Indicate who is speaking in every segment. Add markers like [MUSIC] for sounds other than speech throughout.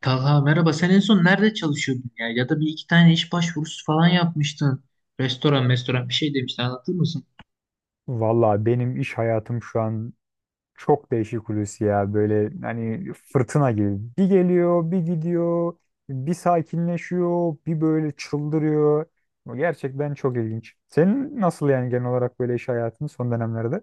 Speaker 1: Talha merhaba. Sen en son nerede çalışıyordun ya? Ya da bir iki tane iş başvurusu falan yapmıştın. Restoran bir şey demiştin. Anlatır mısın?
Speaker 2: Valla benim iş hayatım şu an çok değişik Hulusi ya. Böyle hani fırtına gibi. Bir geliyor, bir gidiyor, bir sakinleşiyor, bir böyle çıldırıyor. Gerçekten çok ilginç. Senin nasıl yani genel olarak böyle iş hayatın son dönemlerde?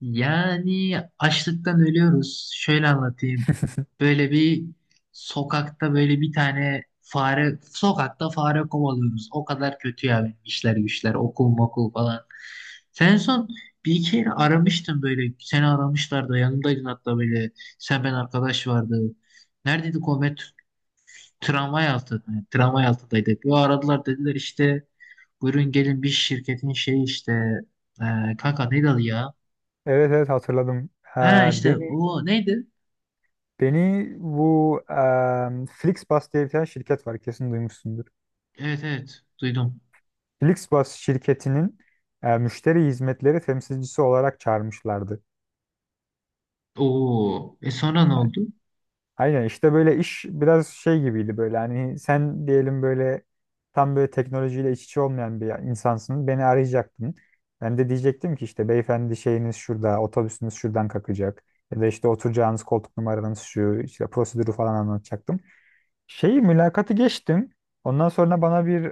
Speaker 1: Yani açlıktan ölüyoruz. Şöyle anlatayım.
Speaker 2: [LAUGHS]
Speaker 1: Böyle bir sokakta böyle bir tane fare, sokakta fare kovalıyoruz. O kadar kötü ya benim işler güçler, okul mokul falan. Sen en son bir iki yere aramıştın böyle. Seni aramışlardı. Yanımdaydın hatta böyle. Sen ben arkadaş vardı. Neredeydi Komet? Tramvay altı, yani tramvay altındaydık. Yo aradılar dediler işte buyurun gelin bir şirketin şeyi işte kanka neydi adı ya?
Speaker 2: Evet, evet, hatırladım. Ee,
Speaker 1: Ha işte
Speaker 2: beni
Speaker 1: o neydi?
Speaker 2: beni bu Flixbus diye bir tane şirket var, kesin duymuşsundur.
Speaker 1: Evet evet duydum.
Speaker 2: Flixbus şirketinin müşteri hizmetleri temsilcisi olarak çağırmışlardı.
Speaker 1: Oo e sonra ne oldu?
Speaker 2: Aynen, işte böyle iş biraz şey gibiydi, böyle hani sen diyelim böyle tam böyle teknolojiyle iç içe olmayan bir insansın, beni arayacaktın. Ben de diyecektim ki işte beyefendi şeyiniz şurada, otobüsünüz şuradan kalkacak ya da işte oturacağınız koltuk numaranız şu, işte prosedürü falan anlatacaktım. Şeyi mülakatı geçtim, ondan sonra bana bir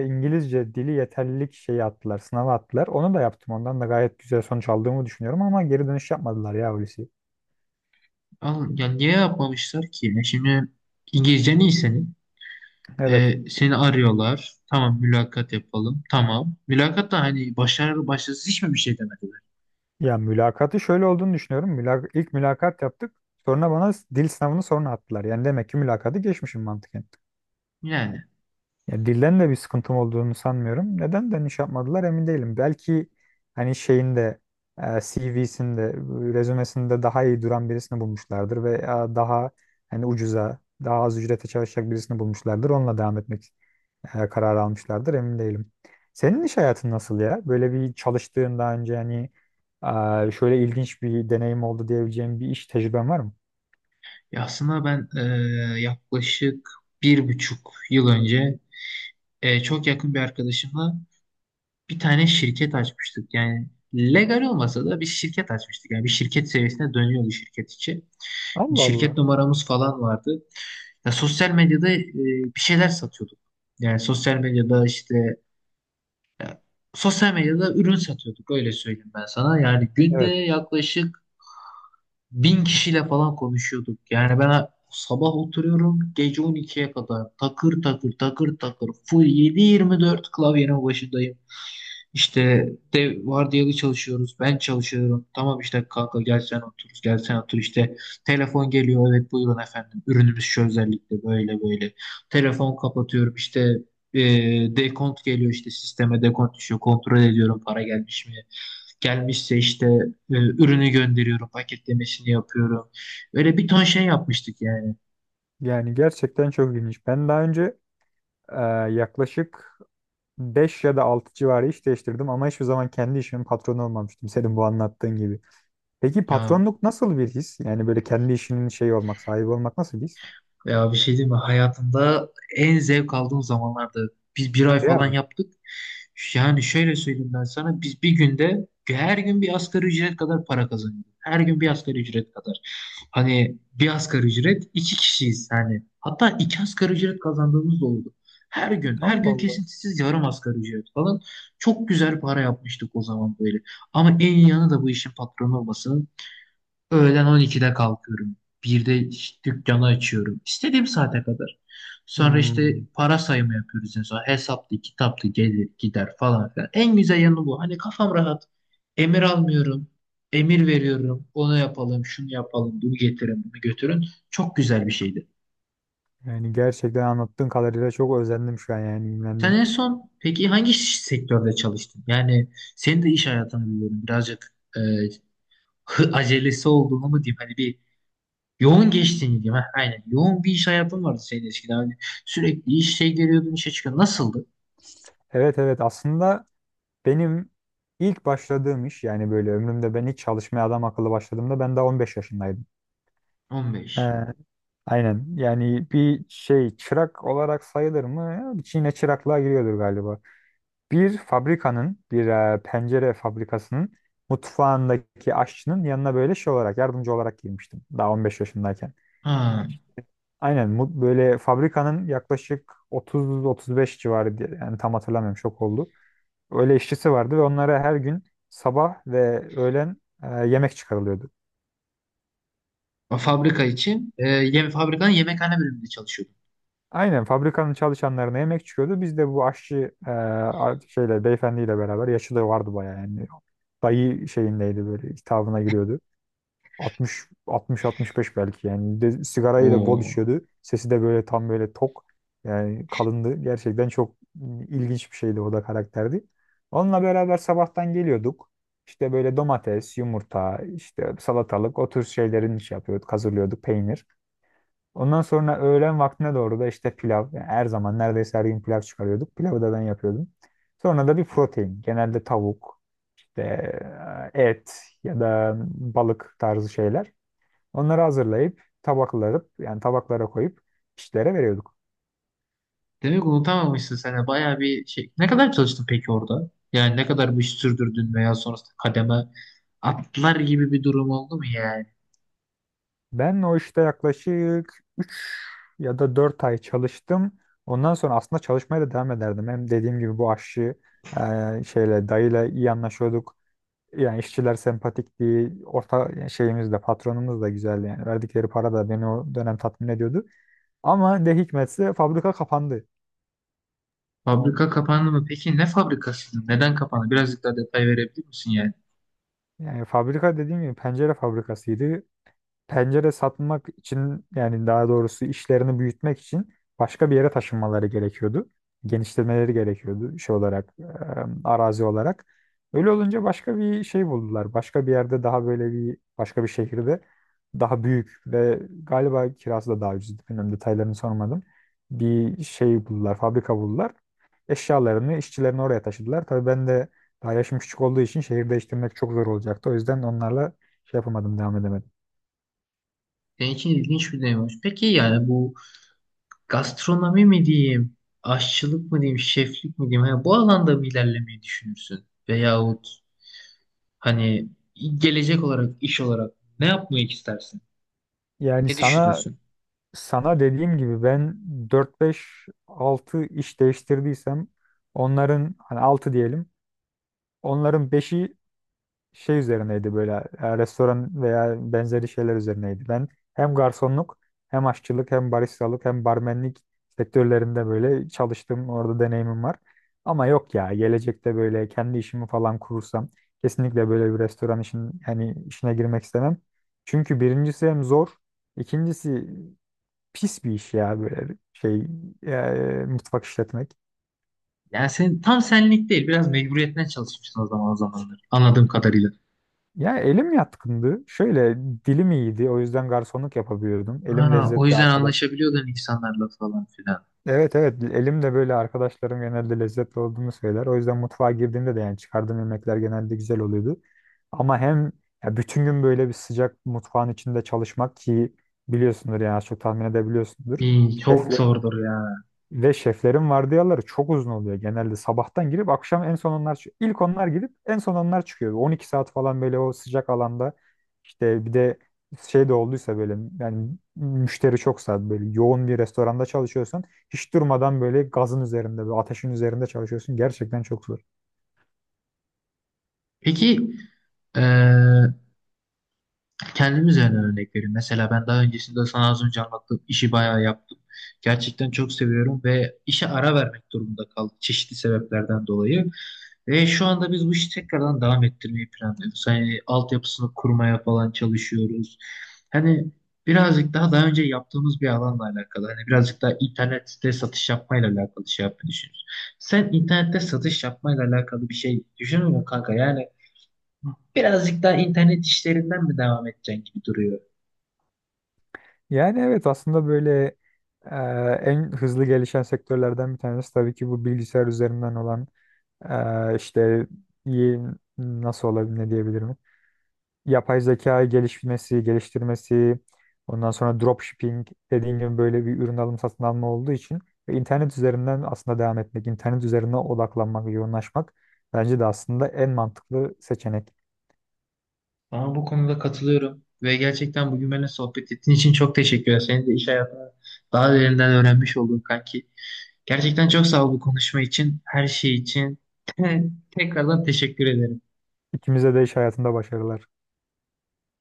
Speaker 2: İngilizce dili yeterlilik şeyi attılar, sınava attılar, onu da yaptım, ondan da gayet güzel sonuç aldığımı düşünüyorum ama geri dönüş yapmadılar ya Hulusi.
Speaker 1: Al, ya niye yapmamışlar ki? Ya şimdi İngilizcen iyi senin.
Speaker 2: Evet.
Speaker 1: E, seni arıyorlar. Tamam mülakat yapalım. Tamam. Mülakat da hani başarılı başarısız hiç mi bir şey demediler?
Speaker 2: Ya mülakatı şöyle olduğunu düşünüyorum. İlk mülakat yaptık. Sonra bana dil sınavını sonra attılar. Yani demek ki mülakatı geçmişim mantıken.
Speaker 1: Yani
Speaker 2: Ya dilden de bir sıkıntım olduğunu sanmıyorum. Neden dönüş yapmadılar emin değilim. Belki hani şeyinde, CV'sinde, rezümesinde daha iyi duran birisini bulmuşlardır ve daha hani ucuza, daha az ücrete çalışacak birisini bulmuşlardır. Onunla devam etmek kararı almışlardır, emin değilim. Senin iş hayatın nasıl ya? Böyle bir çalıştığın daha önce hani şöyle ilginç bir deneyim oldu diyebileceğim bir iş tecrüben var mı?
Speaker 1: ya aslında ben yaklaşık bir buçuk yıl önce çok yakın bir arkadaşımla bir tane şirket açmıştık. Yani legal olmasa da bir şirket açmıştık. Yani bir şirket seviyesine dönüyordu şirket içi.
Speaker 2: Allah
Speaker 1: Şirket
Speaker 2: Allah.
Speaker 1: numaramız falan vardı. Ya sosyal medyada bir şeyler satıyorduk. Yani sosyal medyada işte e, sosyal medyada ürün satıyorduk öyle söyleyeyim ben sana. Yani günde
Speaker 2: Evet.
Speaker 1: yaklaşık 1000 kişiyle falan konuşuyorduk. Yani ben sabah oturuyorum gece 12'ye kadar takır takır takır takır full 7/24 klavyenin başındayım. İşte de vardiyalı çalışıyoruz. Ben çalışıyorum. Tamam işte kanka gel sen otur. Gel sen otur. İşte telefon geliyor. Evet buyurun efendim. Ürünümüz şu özellikle böyle böyle. Telefon kapatıyorum. İşte e, dekont geliyor işte sisteme dekont düşüyor. Kontrol ediyorum para gelmiş mi? Gelmişse işte ürünü gönderiyorum. Paketlemesini yapıyorum. Öyle bir ton şey yapmıştık yani.
Speaker 2: Yani gerçekten çok ilginç. Ben daha önce Ee, yaklaşık 5 ya da 6 civarı iş değiştirdim ama hiçbir zaman kendi işimin patronu olmamıştım, senin bu anlattığın gibi. Peki
Speaker 1: Ya
Speaker 2: patronluk nasıl bir his? Yani böyle kendi işinin şeyi olmak, sahibi olmak nasıl bir his?
Speaker 1: Ya, bir şey diyeyim mi? Hayatımda en zevk aldığım zamanlarda biz bir ay falan
Speaker 2: Ya
Speaker 1: yaptık. Yani şöyle söyleyeyim ben sana. Biz bir günde her gün bir asgari ücret kadar para kazanıyorduk. Her gün bir asgari ücret kadar. Hani bir asgari ücret iki kişiyiz yani. Hatta iki asgari ücret kazandığımız da oldu. Her gün, her
Speaker 2: Allah
Speaker 1: gün
Speaker 2: Allah.
Speaker 1: kesintisiz yarım asgari ücret falan. Çok güzel para yapmıştık o zaman böyle. Ama en iyi yanı da bu işin patronu olması. Öğlen 12'de kalkıyorum. 1'de dükkanı açıyorum. İstediğim saate kadar. Sonra işte
Speaker 2: Hmm,
Speaker 1: para sayımı yapıyoruz en son. Hesaplı, kitaplı gelir gider falan filan. En güzel yanı bu. Hani kafam rahat. Emir almıyorum. Emir veriyorum. Onu yapalım, şunu yapalım, bunu getirin, bunu götürün. Çok güzel bir şeydi.
Speaker 2: yani gerçekten anlattığın kadarıyla çok özendim şu an, yani
Speaker 1: Sen
Speaker 2: imrendim.
Speaker 1: en son peki hangi sektörde çalıştın? Yani senin de iş hayatını biliyorum. Birazcık acelesi olduğunu mu diyeyim? Hani bir yoğun geçtiğini diyeyim. Heh, aynen. Yoğun bir iş hayatın vardı senin eskiden. Hani sürekli iş şey giriyordun, işe çıkıyordun. Nasıldı?
Speaker 2: Evet, evet, aslında benim ilk başladığım iş, yani böyle ömrümde ben ilk çalışmaya adam akıllı başladığımda ben daha 15 yaşındaydım.
Speaker 1: 15.
Speaker 2: Ee, Aynen. Yani bir şey çırak olarak sayılır mı? Yine çıraklığa giriyordur galiba. Bir fabrikanın, bir pencere fabrikasının mutfağındaki aşçının yanına böyle şey olarak, yardımcı olarak girmiştim. Daha 15 yaşındayken.
Speaker 1: Ha.
Speaker 2: Aynen. Böyle fabrikanın yaklaşık 30-35 civarı yani tam hatırlamıyorum, şok oldu. Öyle işçisi vardı ve onlara her gün sabah ve öğlen yemek çıkarılıyordu.
Speaker 1: O fabrika için fabrikanın yemekhane bölümünde çalışıyordun.
Speaker 2: Aynen, fabrikanın çalışanlarına yemek çıkıyordu. Biz de bu aşçı şeyle, beyefendiyle beraber, yaşı da vardı bayağı yani. Dayı şeyindeydi, böyle hitabına giriyordu. 60 60 65 belki yani. De, sigarayı da bol
Speaker 1: Oo.
Speaker 2: içiyordu. Sesi de böyle tam böyle tok. Yani kalındı. Gerçekten çok ilginç bir şeydi, o da karakterdi. Onunla beraber sabahtan geliyorduk. İşte böyle domates, yumurta, işte salatalık, o tür şeylerin iş yapıyorduk, hazırlıyorduk, peynir. Ondan sonra öğlen vaktine doğru da işte pilav. Yani her zaman, neredeyse her gün pilav çıkarıyorduk. Pilavı da ben yapıyordum. Sonra da bir protein. Genelde tavuk, işte et ya da balık tarzı şeyler. Onları hazırlayıp tabaklarıp, yani tabaklara koyup işlere veriyorduk.
Speaker 1: Demek unutamamışsın sen de. Bayağı bir şey. Ne kadar çalıştın peki orada? Yani ne kadar bu işi sürdürdün veya sonrasında kademe atlar gibi bir durum oldu mu yani?
Speaker 2: Ben o işte yaklaşık ya da 4 ay çalıştım. Ondan sonra aslında çalışmaya da devam ederdim. Hem dediğim gibi bu aşçı şeyle, dayıyla iyi anlaşıyorduk. Yani işçiler sempatikti. Orta yani şeyimiz de, patronumuz da güzeldi yani. Verdikleri para da beni o dönem tatmin ediyordu. Ama ne hikmetse fabrika kapandı.
Speaker 1: Fabrika kapandı mı? Peki ne fabrikasıydı? Neden kapandı? Birazcık daha detay verebilir misin yani?
Speaker 2: Yani fabrika dediğim gibi pencere fabrikasıydı. Pencere satmak için, yani daha doğrusu işlerini büyütmek için başka bir yere taşınmaları gerekiyordu. Genişlemeleri gerekiyordu şey olarak, arazi olarak. Öyle olunca başka bir şey buldular. Başka bir yerde, daha böyle bir başka bir şehirde, daha büyük ve galiba kirası da daha ucuzdu. Bilmiyorum, detaylarını sormadım. Bir şey buldular, fabrika buldular. Eşyalarını, işçilerini oraya taşıdılar. Tabii ben de daha yaşım küçük olduğu için şehir değiştirmek çok zor olacaktı. O yüzden onlarla şey yapamadım, devam edemedim.
Speaker 1: Senin için ilginç bir deneyim olmuş. Peki yani bu gastronomi mi diyeyim, aşçılık mı diyeyim, şeflik mi diyeyim, hani bu alanda mı ilerlemeyi düşünürsün? Veyahut hani gelecek olarak, iş olarak ne yapmayı istersin?
Speaker 2: Yani
Speaker 1: Ne
Speaker 2: sana,
Speaker 1: düşünürsün?
Speaker 2: sana dediğim gibi ben dört beş altı iş değiştirdiysem onların hani 6 diyelim. Onların beşi şey üzerineydi, böyle restoran veya benzeri şeyler üzerineydi. Ben hem garsonluk, hem aşçılık, hem baristalık, hem barmenlik sektörlerinde böyle çalıştım. Orada deneyimim var. Ama yok ya, gelecekte böyle kendi işimi falan kurursam kesinlikle böyle bir restoran işin, hani işine girmek istemem. Çünkü birincisi hem zor, ikincisi pis bir iş ya, böyle şey mutfak işletmek.
Speaker 1: Yani senin tam senlik değil, biraz mecburiyetten çalışmışsın o zaman o zamanlar. Anladığım kadarıyla.
Speaker 2: Ya elim yatkındı. Şöyle dilim iyiydi. O yüzden garsonluk yapabiliyordum. Elim
Speaker 1: Ha, o
Speaker 2: lezzetli
Speaker 1: yüzden
Speaker 2: arkadaş.
Speaker 1: anlaşabiliyordun insanlarla falan filan.
Speaker 2: Evet, evet, elim de böyle, arkadaşlarım genelde lezzetli olduğunu söyler. O yüzden mutfağa girdiğimde de yani çıkardığım yemekler genelde güzel oluyordu. Ama hem ya bütün gün böyle bir sıcak mutfağın içinde çalışmak ki biliyorsundur, yani az çok tahmin edebiliyorsundur.
Speaker 1: İyi, çok
Speaker 2: Şefle,
Speaker 1: zordur ya.
Speaker 2: Ve şeflerin vardiyaları çok uzun oluyor genelde. Sabahtan girip akşam en son onlar çıkıyor. İlk onlar girip en son onlar çıkıyor. 12 saat falan böyle o sıcak alanda, işte bir de şey de olduysa, böyle yani müşteri çoksa, böyle yoğun bir restoranda çalışıyorsan hiç durmadan böyle gazın üzerinde, böyle ateşin üzerinde çalışıyorsun. Gerçekten çok zor.
Speaker 1: Peki, eee, Kendim üzerinden örnek vereyim. Mesela ben daha öncesinde sana az önce anlattığım işi bayağı yaptım. Gerçekten çok seviyorum ve işe ara vermek durumunda kaldım çeşitli sebeplerden dolayı. Ve şu anda biz bu işi tekrardan devam ettirmeyi planlıyoruz. Hani altyapısını kurmaya falan çalışıyoruz. Hani birazcık daha önce yaptığımız bir alanla alakalı. Hani birazcık daha internette satış yapmayla alakalı şey yapmayı düşünüyoruz. Sen internette satış yapmayla alakalı bir şey düşünüyor musun kanka? Yani birazcık daha internet işlerinden mi devam edeceksin gibi duruyor.
Speaker 2: Yani evet, aslında böyle e, en hızlı gelişen sektörlerden bir tanesi tabii ki bu bilgisayar üzerinden olan işte y- nasıl olabilir, ne diyebilirim, yapay zeka gelişmesi, geliştirmesi, ondan sonra dropshipping dediğim gibi böyle bir ürün alım, satın alma olduğu için ve internet üzerinden aslında devam etmek, internet üzerine odaklanmak, yoğunlaşmak bence de aslında en mantıklı seçenek.
Speaker 1: Ama bu konuda katılıyorum ve gerçekten bugün benimle sohbet ettiğin için çok teşekkür ederim. Senin de iş hayatını daha derinden öğrenmiş oldum kanki. Gerçekten çok sağ ol bu konuşma için, her şey için. [LAUGHS] Tekrardan teşekkür ederim.
Speaker 2: İkimize de iş hayatında başarılar.